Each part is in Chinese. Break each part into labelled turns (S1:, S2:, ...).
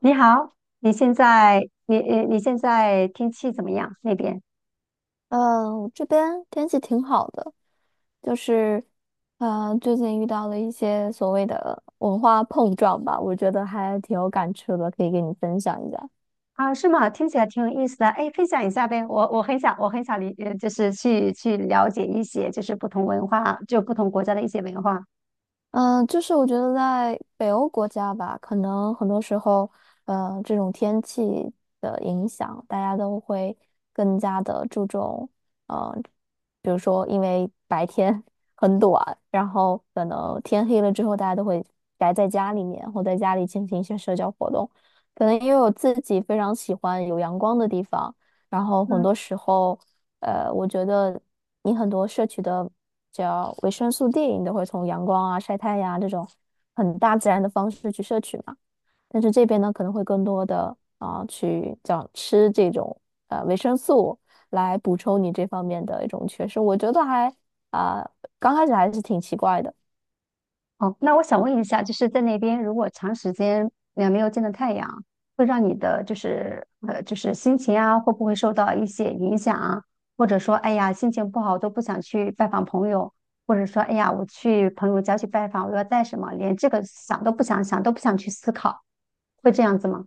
S1: 你好，你现在你现在天气怎么样？那边
S2: 这边天气挺好的，就是，最近遇到了一些所谓的文化碰撞吧，我觉得还挺有感触的，可以给你分享一下。
S1: 啊，是吗？听起来挺有意思的。哎，分享一下呗，我很想,就是去了解一些就是不同文化，就不同国家的一些文化。
S2: 嗯，就是我觉得在北欧国家吧，可能很多时候，这种天气的影响，大家都会更加的注重，呃，比如说因为白天 很短，然后可能天黑了之后，大家都会宅在家里面，或在家里进行一些社交活动。可能因为我自己非常喜欢有阳光的地方，然后很
S1: 嗯。
S2: 多时候。我觉得你很多摄取的叫维生素 D，你都会从阳光啊、晒太阳啊这种很大自然的方式去摄取嘛。但是这边呢，可能会更多的啊、去叫吃这种维生素来补充你这方面的一种缺失。我觉得还啊、刚开始还是挺奇怪的。
S1: 哦，那我想问一下，就是在那边如果长时间没有见到太阳，会让你的就是心情啊，会不会受到一些影响啊？或者说，哎呀，心情不好都不想去拜访朋友，或者说，哎呀，我去朋友家去拜访，我要带什么，连这个想都不想想，都不想去思考，会这样子吗？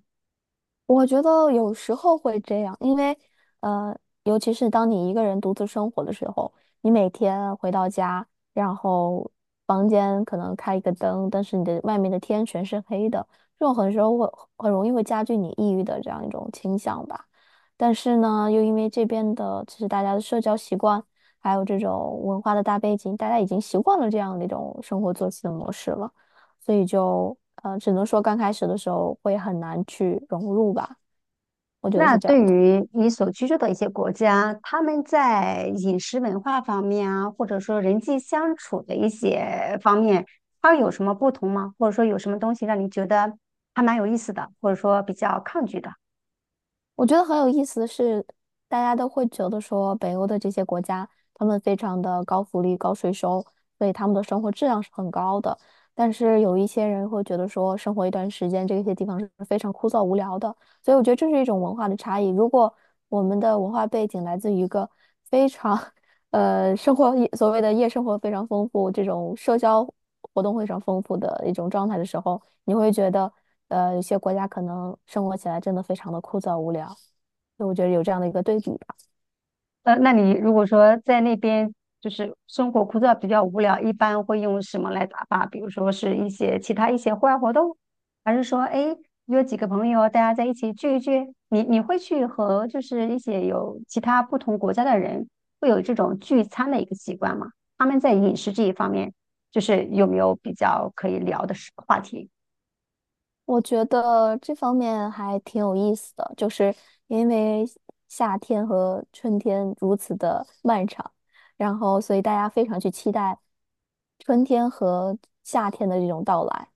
S2: 我觉得有时候会这样，因为呃，尤其是当你一个人独自生活的时候，你每天回到家，然后房间可能开一个灯，但是你的外面的天全是黑的，这种很时候会很容易会加剧你抑郁的这样一种倾向吧。但是呢，又因为这边的其实大家的社交习惯，还有这种文化的大背景，大家已经习惯了这样的一种生活作息的模式了。所以就只能说刚开始的时候会很难去融入吧。我觉得
S1: 那
S2: 是这样
S1: 对
S2: 的。
S1: 于你所居住的一些国家，他们在饮食文化方面啊，或者说人际相处的一些方面，它有什么不同吗？或者说有什么东西让你觉得还蛮有意思的，或者说比较抗拒的？
S2: 我觉得很有意思的是，大家都会觉得说北欧的这些国家，他们非常的高福利、高税收，所以他们的生活质量是很高的。但是有一些人会觉得说，生活一段时间，这些地方是非常枯燥无聊的。所以我觉得这是一种文化的差异。如果我们的文化背景来自于一个非常 生活所谓的夜生活非常丰富，这种社交活动非常丰富的一种状态的时候。你会觉得，有些国家可能生活起来真的非常的枯燥无聊，就我觉得有这样的一个对比吧。
S1: 呃，那你如果说在那边就是生活枯燥、比较无聊，一般会用什么来打发？比如说是一些其他一些户外活动，还是说哎约几个朋友大家在一起聚一聚？你会去和就是一些有其他不同国家的人会有这种聚餐的一个习惯吗？他们在饮食这一方面，就是有没有比较可以聊的事话题，
S2: 我觉得这方面还挺有意思的，就是因为夏天和春天如此的漫长，然后所以大家非常去期待春天和夏天的这种到来。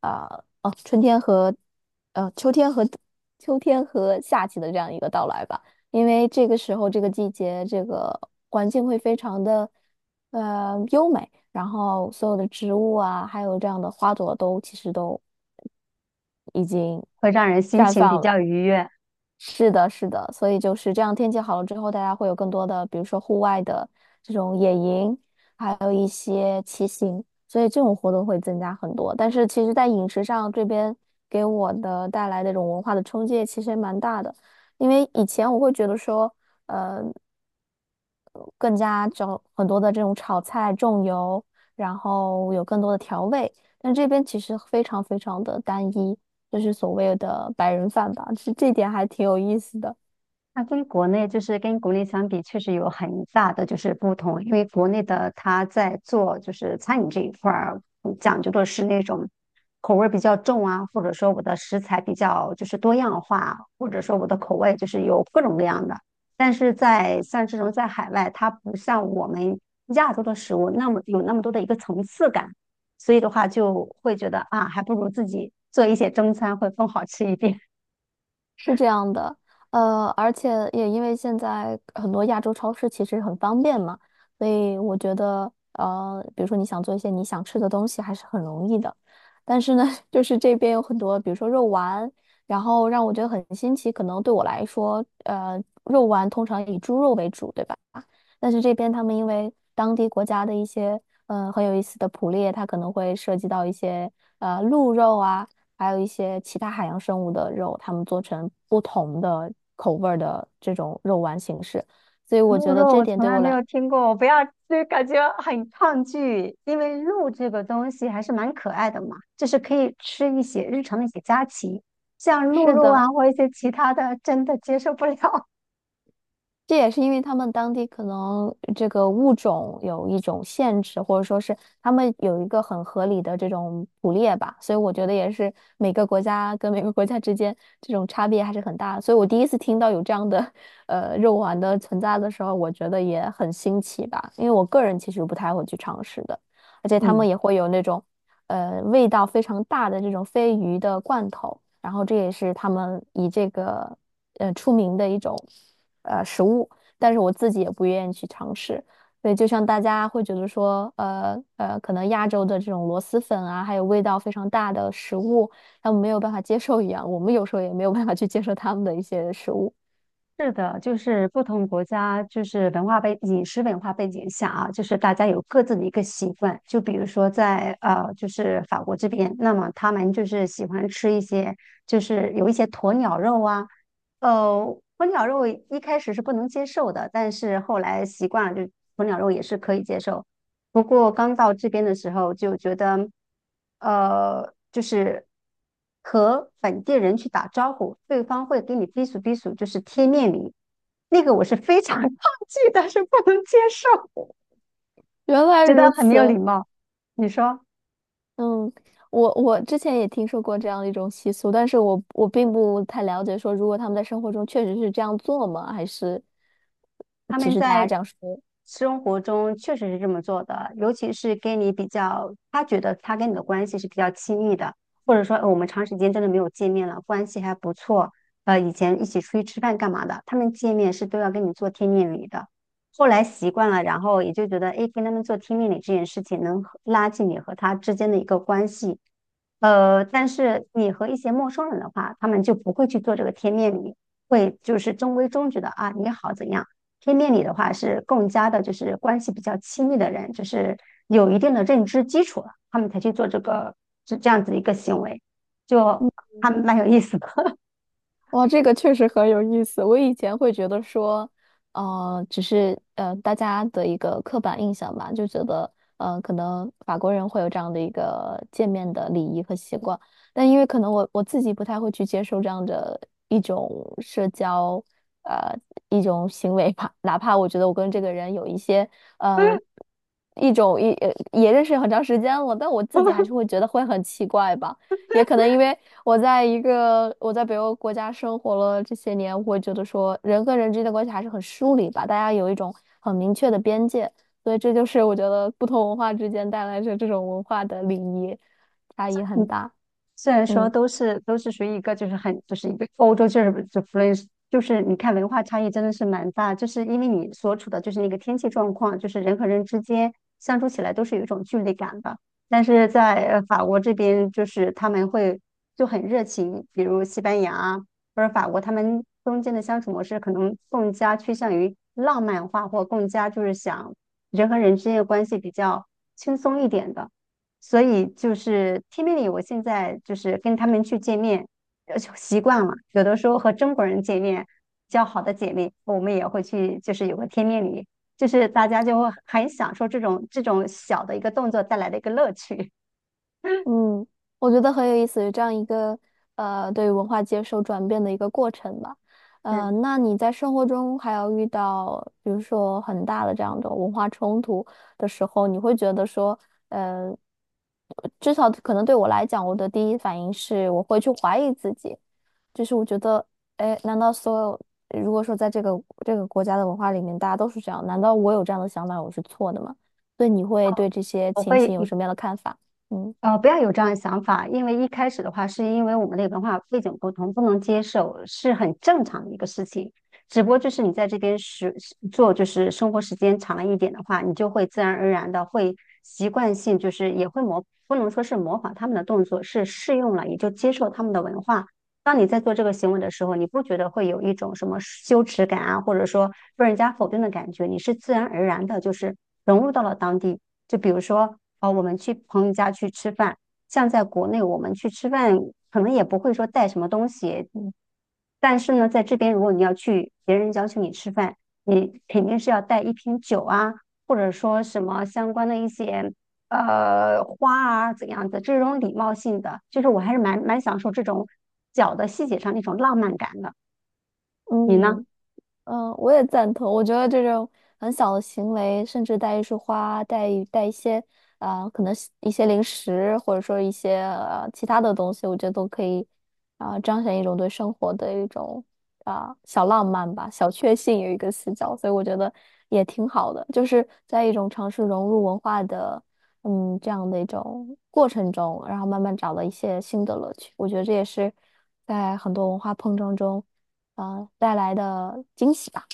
S2: 啊、哦，春天和秋天和夏季的这样一个到来吧，因为这个时候这个季节这个环境会非常的优美，然后所有的植物啊，还有这样的花朵都其实都已经
S1: 会让人心
S2: 绽
S1: 情比
S2: 放了。
S1: 较愉悦？
S2: 是的，是的，所以就是这样，天气好了之后，大家会有更多的，比如说户外的这种野营，还有一些骑行，所以这种活动会增加很多。但是其实，在饮食上这边给我的带来那种文化的冲击，其实也蛮大的。因为以前我会觉得说，更加找很多的这种炒菜重油，然后有更多的调味，但这边其实非常非常的单一，就是所谓的白人饭吧，其实这点还挺有意思的。
S1: 那跟国内相比，确实有很大的就是不同。因为国内的它在做就是餐饮这一块儿，嗯讲究的是那种口味儿比较重啊，或者说我的食材比较就是多样化，或者说我的口味就是有各种各样的。但是在像这种在海外，它不像我们亚洲的食物那么有那么多的一个层次感，所以的话就会觉得啊，还不如自己做一些中餐会更好吃一点。
S2: 是这样的，而且也因为现在很多亚洲超市其实很方便嘛，所以我觉得，比如说你想做一些你想吃的东西，还是很容易的。但是呢，就是这边有很多，比如说肉丸，然后让我觉得很新奇。可能对我来说，肉丸通常以猪肉为主，对吧？但是这边他们因为当地国家的一些嗯，很有意思的捕猎，它可能会涉及到一些鹿肉啊，还有一些其他海洋生物的肉，他们做成不同的口味儿的这种肉丸形式。所以我
S1: 鹿
S2: 觉得
S1: 肉
S2: 这
S1: 我
S2: 点
S1: 从
S2: 对
S1: 来
S2: 我
S1: 没
S2: 来，
S1: 有听过，我不要，就感觉很抗拒，因为鹿这个东西还是蛮可爱的嘛，就是可以吃一些日常的一些佳肴，像鹿
S2: 是
S1: 肉啊
S2: 的，
S1: 或一些其他的，真的接受不了。
S2: 这也是因为他们当地可能这个物种有一种限制，或者说是他们有一个很合理的这种捕猎吧，所以我觉得也是每个国家跟每个国家之间这种差别还是很大的。所以我第一次听到有这样的肉丸的存在的时候，我觉得也很新奇吧，因为我个人其实不太会去尝试的，而且他
S1: 嗯，
S2: 们也会有那种味道非常大的这种鲱鱼的罐头，然后这也是他们以这个出名的一种。食物，但是我自己也不愿意去尝试。所以，就像大家会觉得说，可能亚洲的这种螺蛳粉啊，还有味道非常大的食物，他们没有办法接受一样，我们有时候也没有办法去接受他们的一些食物。
S1: 是的，就是不同国家就是文化背饮食文化背景下啊，就是大家有各自的一个习惯，就比如说在就是法国这边，那么他们就是喜欢吃一些就是有一些鸵鸟肉啊。呃，鸵鸟肉一开始是不能接受的，但是后来习惯了，就鸵鸟肉也是可以接受。不过刚到这边的时候就觉得，就是和本地人去打招呼，对方会给你逼数逼数，就是贴面礼，那个我是非常 抗拒但是不能接受，
S2: 原来
S1: 觉得
S2: 如
S1: 很没有礼
S2: 此，
S1: 貌。你说？
S2: 嗯，我之前也听说过这样的一种习俗，但是我并不太了解，说如果他们在生活中确实是这样做吗？还是
S1: 他
S2: 只
S1: 们
S2: 是大家
S1: 在
S2: 这样说？
S1: 生活中确实是这么做的，尤其是跟你比较，他觉得他跟你的关系是比较亲密的，或者说，我们长时间真的没有见面了，关系还不错，呃，以前一起出去吃饭干嘛的，他们见面是都要跟你做贴面礼的。后来习惯了，然后也就觉得，哎，跟他们做贴面礼这件事情能和拉近你和他之间的一个关系。呃，但是你和一些陌生人的话，他们就不会去做这个贴面礼，会就是中规中矩的啊，你好怎样。天命理的话是更加的，就是关系比较亲密的人，就是有一定的认知基础了，他们才去做这个这样子的一个行为，就还蛮有意思的。
S2: 哇，这个确实很有意思。我以前会觉得说，只是大家的一个刻板印象吧，就觉得可能法国人会有这样的一个见面的礼仪和习惯，但因为可能我自己不太会去接受这样的一种社交呃一种行为吧，哪怕我觉得我跟这个人有一些呃一种一呃也认识很长时间了，但我自己还是会 觉得会很奇怪吧。也可能因为我在北欧国家生活了这些年，我会觉得说人和人之间的关系还是很疏离吧，大家有一种很明确的边界，所以这就是我觉得不同文化之间带来着这种文化的礼仪差异很
S1: 你
S2: 大。
S1: 虽然说
S2: 嗯。
S1: 都是属于一个就是很就是一个欧洲就是就弗 h 就是你看文化差异真的是蛮大，就是因为你所处的就是那个天气状况，就是人和人之间相处起来都是有一种距离感的。但是在法国这边，就是他们会就很热情，比如西班牙啊或者法国，他们中间的相处模式可能更加趋向于浪漫化，或更加就是想人和人之间的关系比较轻松一点的。所以就是天命里，我现在就是跟他们去见面，呃，习惯了。有的时候和中国人见面，交好的姐妹，我们也会去，就是有个天命里，就是大家就会很享受这种小的一个动作带来的一个乐趣。
S2: 嗯，我觉得很有意思，有这样一个对于文化接受转变的一个过程吧。
S1: 嗯，
S2: 那你在生活中还要遇到，比如说很大的这样的文化冲突的时候，你会觉得说，呃，至少可能对我来讲，我的第一反应是我会去怀疑自己，就是我觉得，哎，难道所有如果说在这个国家的文化里面，大家都是这样，难道我有这样的想法，我是错的吗？所以你会对这些
S1: 我
S2: 情形
S1: 会
S2: 有什么样的看法？嗯。
S1: 不要有这样的想法，因为一开始的话，是因为我们的文化背景不同，不能接受，是很正常的一个事情。只不过就是你在这边时做，就是生活时间长了一点的话，你就会自然而然的会习惯性，就是也会模，不能说是模仿他们的动作，是适用了，也就接受他们的文化。当你在做这个行为的时候，你不觉得会有一种什么羞耻感啊，或者说被人家否定的感觉，你是自然而然的，就是融入到了当地。就比如说，呃，我们去朋友家去吃饭，像在国内我们去吃饭，可能也不会说带什么东西，嗯但是呢，在这边如果你要去别人邀请你吃饭，你肯定是要带一瓶酒啊，或者说什么相关的一些花啊怎样的这种礼貌性的，就是我还是蛮享受这种小的细节上那种浪漫感的。你呢？
S2: 嗯嗯，我也赞同。我觉得这种很小的行为，甚至带一束花，带一些可能是一些零食，或者说一些其他的东西，我觉得都可以彰显一种对生活的一种小浪漫吧，小确幸有一个死角，所以我觉得也挺好的，就是在一种尝试融入文化的嗯这样的一种过程中，然后慢慢找到一些新的乐趣。我觉得这也是在很多文化碰撞中。啊，带来的惊喜吧。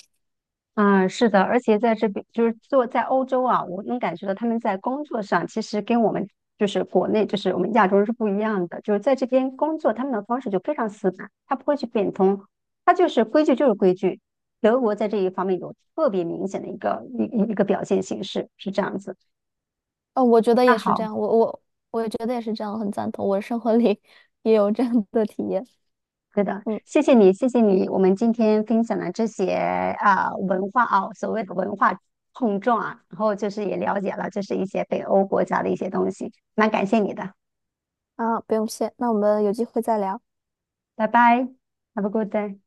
S1: 嗯，是的，而且在这边就是做在欧洲啊，我能感觉到他们在工作上其实跟我们就是国内就是我们亚洲人是不一样的，就是在这边工作他们的方式就非常死板，他不会去变通，他就是规矩就是规矩。德国在这一方面有特别明显的一个表现形式是这样子。
S2: 我觉得
S1: 那
S2: 也是这
S1: 好。
S2: 样，我也觉得也是这样，很赞同。我生活里 也有这样的体验。
S1: 对的，
S2: 嗯，
S1: 谢谢你，谢谢你。我们今天分享的这些啊文化啊，所谓的文化碰撞啊，然后就是也了解了，就是一些北欧国家的一些东西。蛮感谢你的，
S2: 啊，不用谢，那我们有机会再聊。
S1: 拜拜，Have a good day。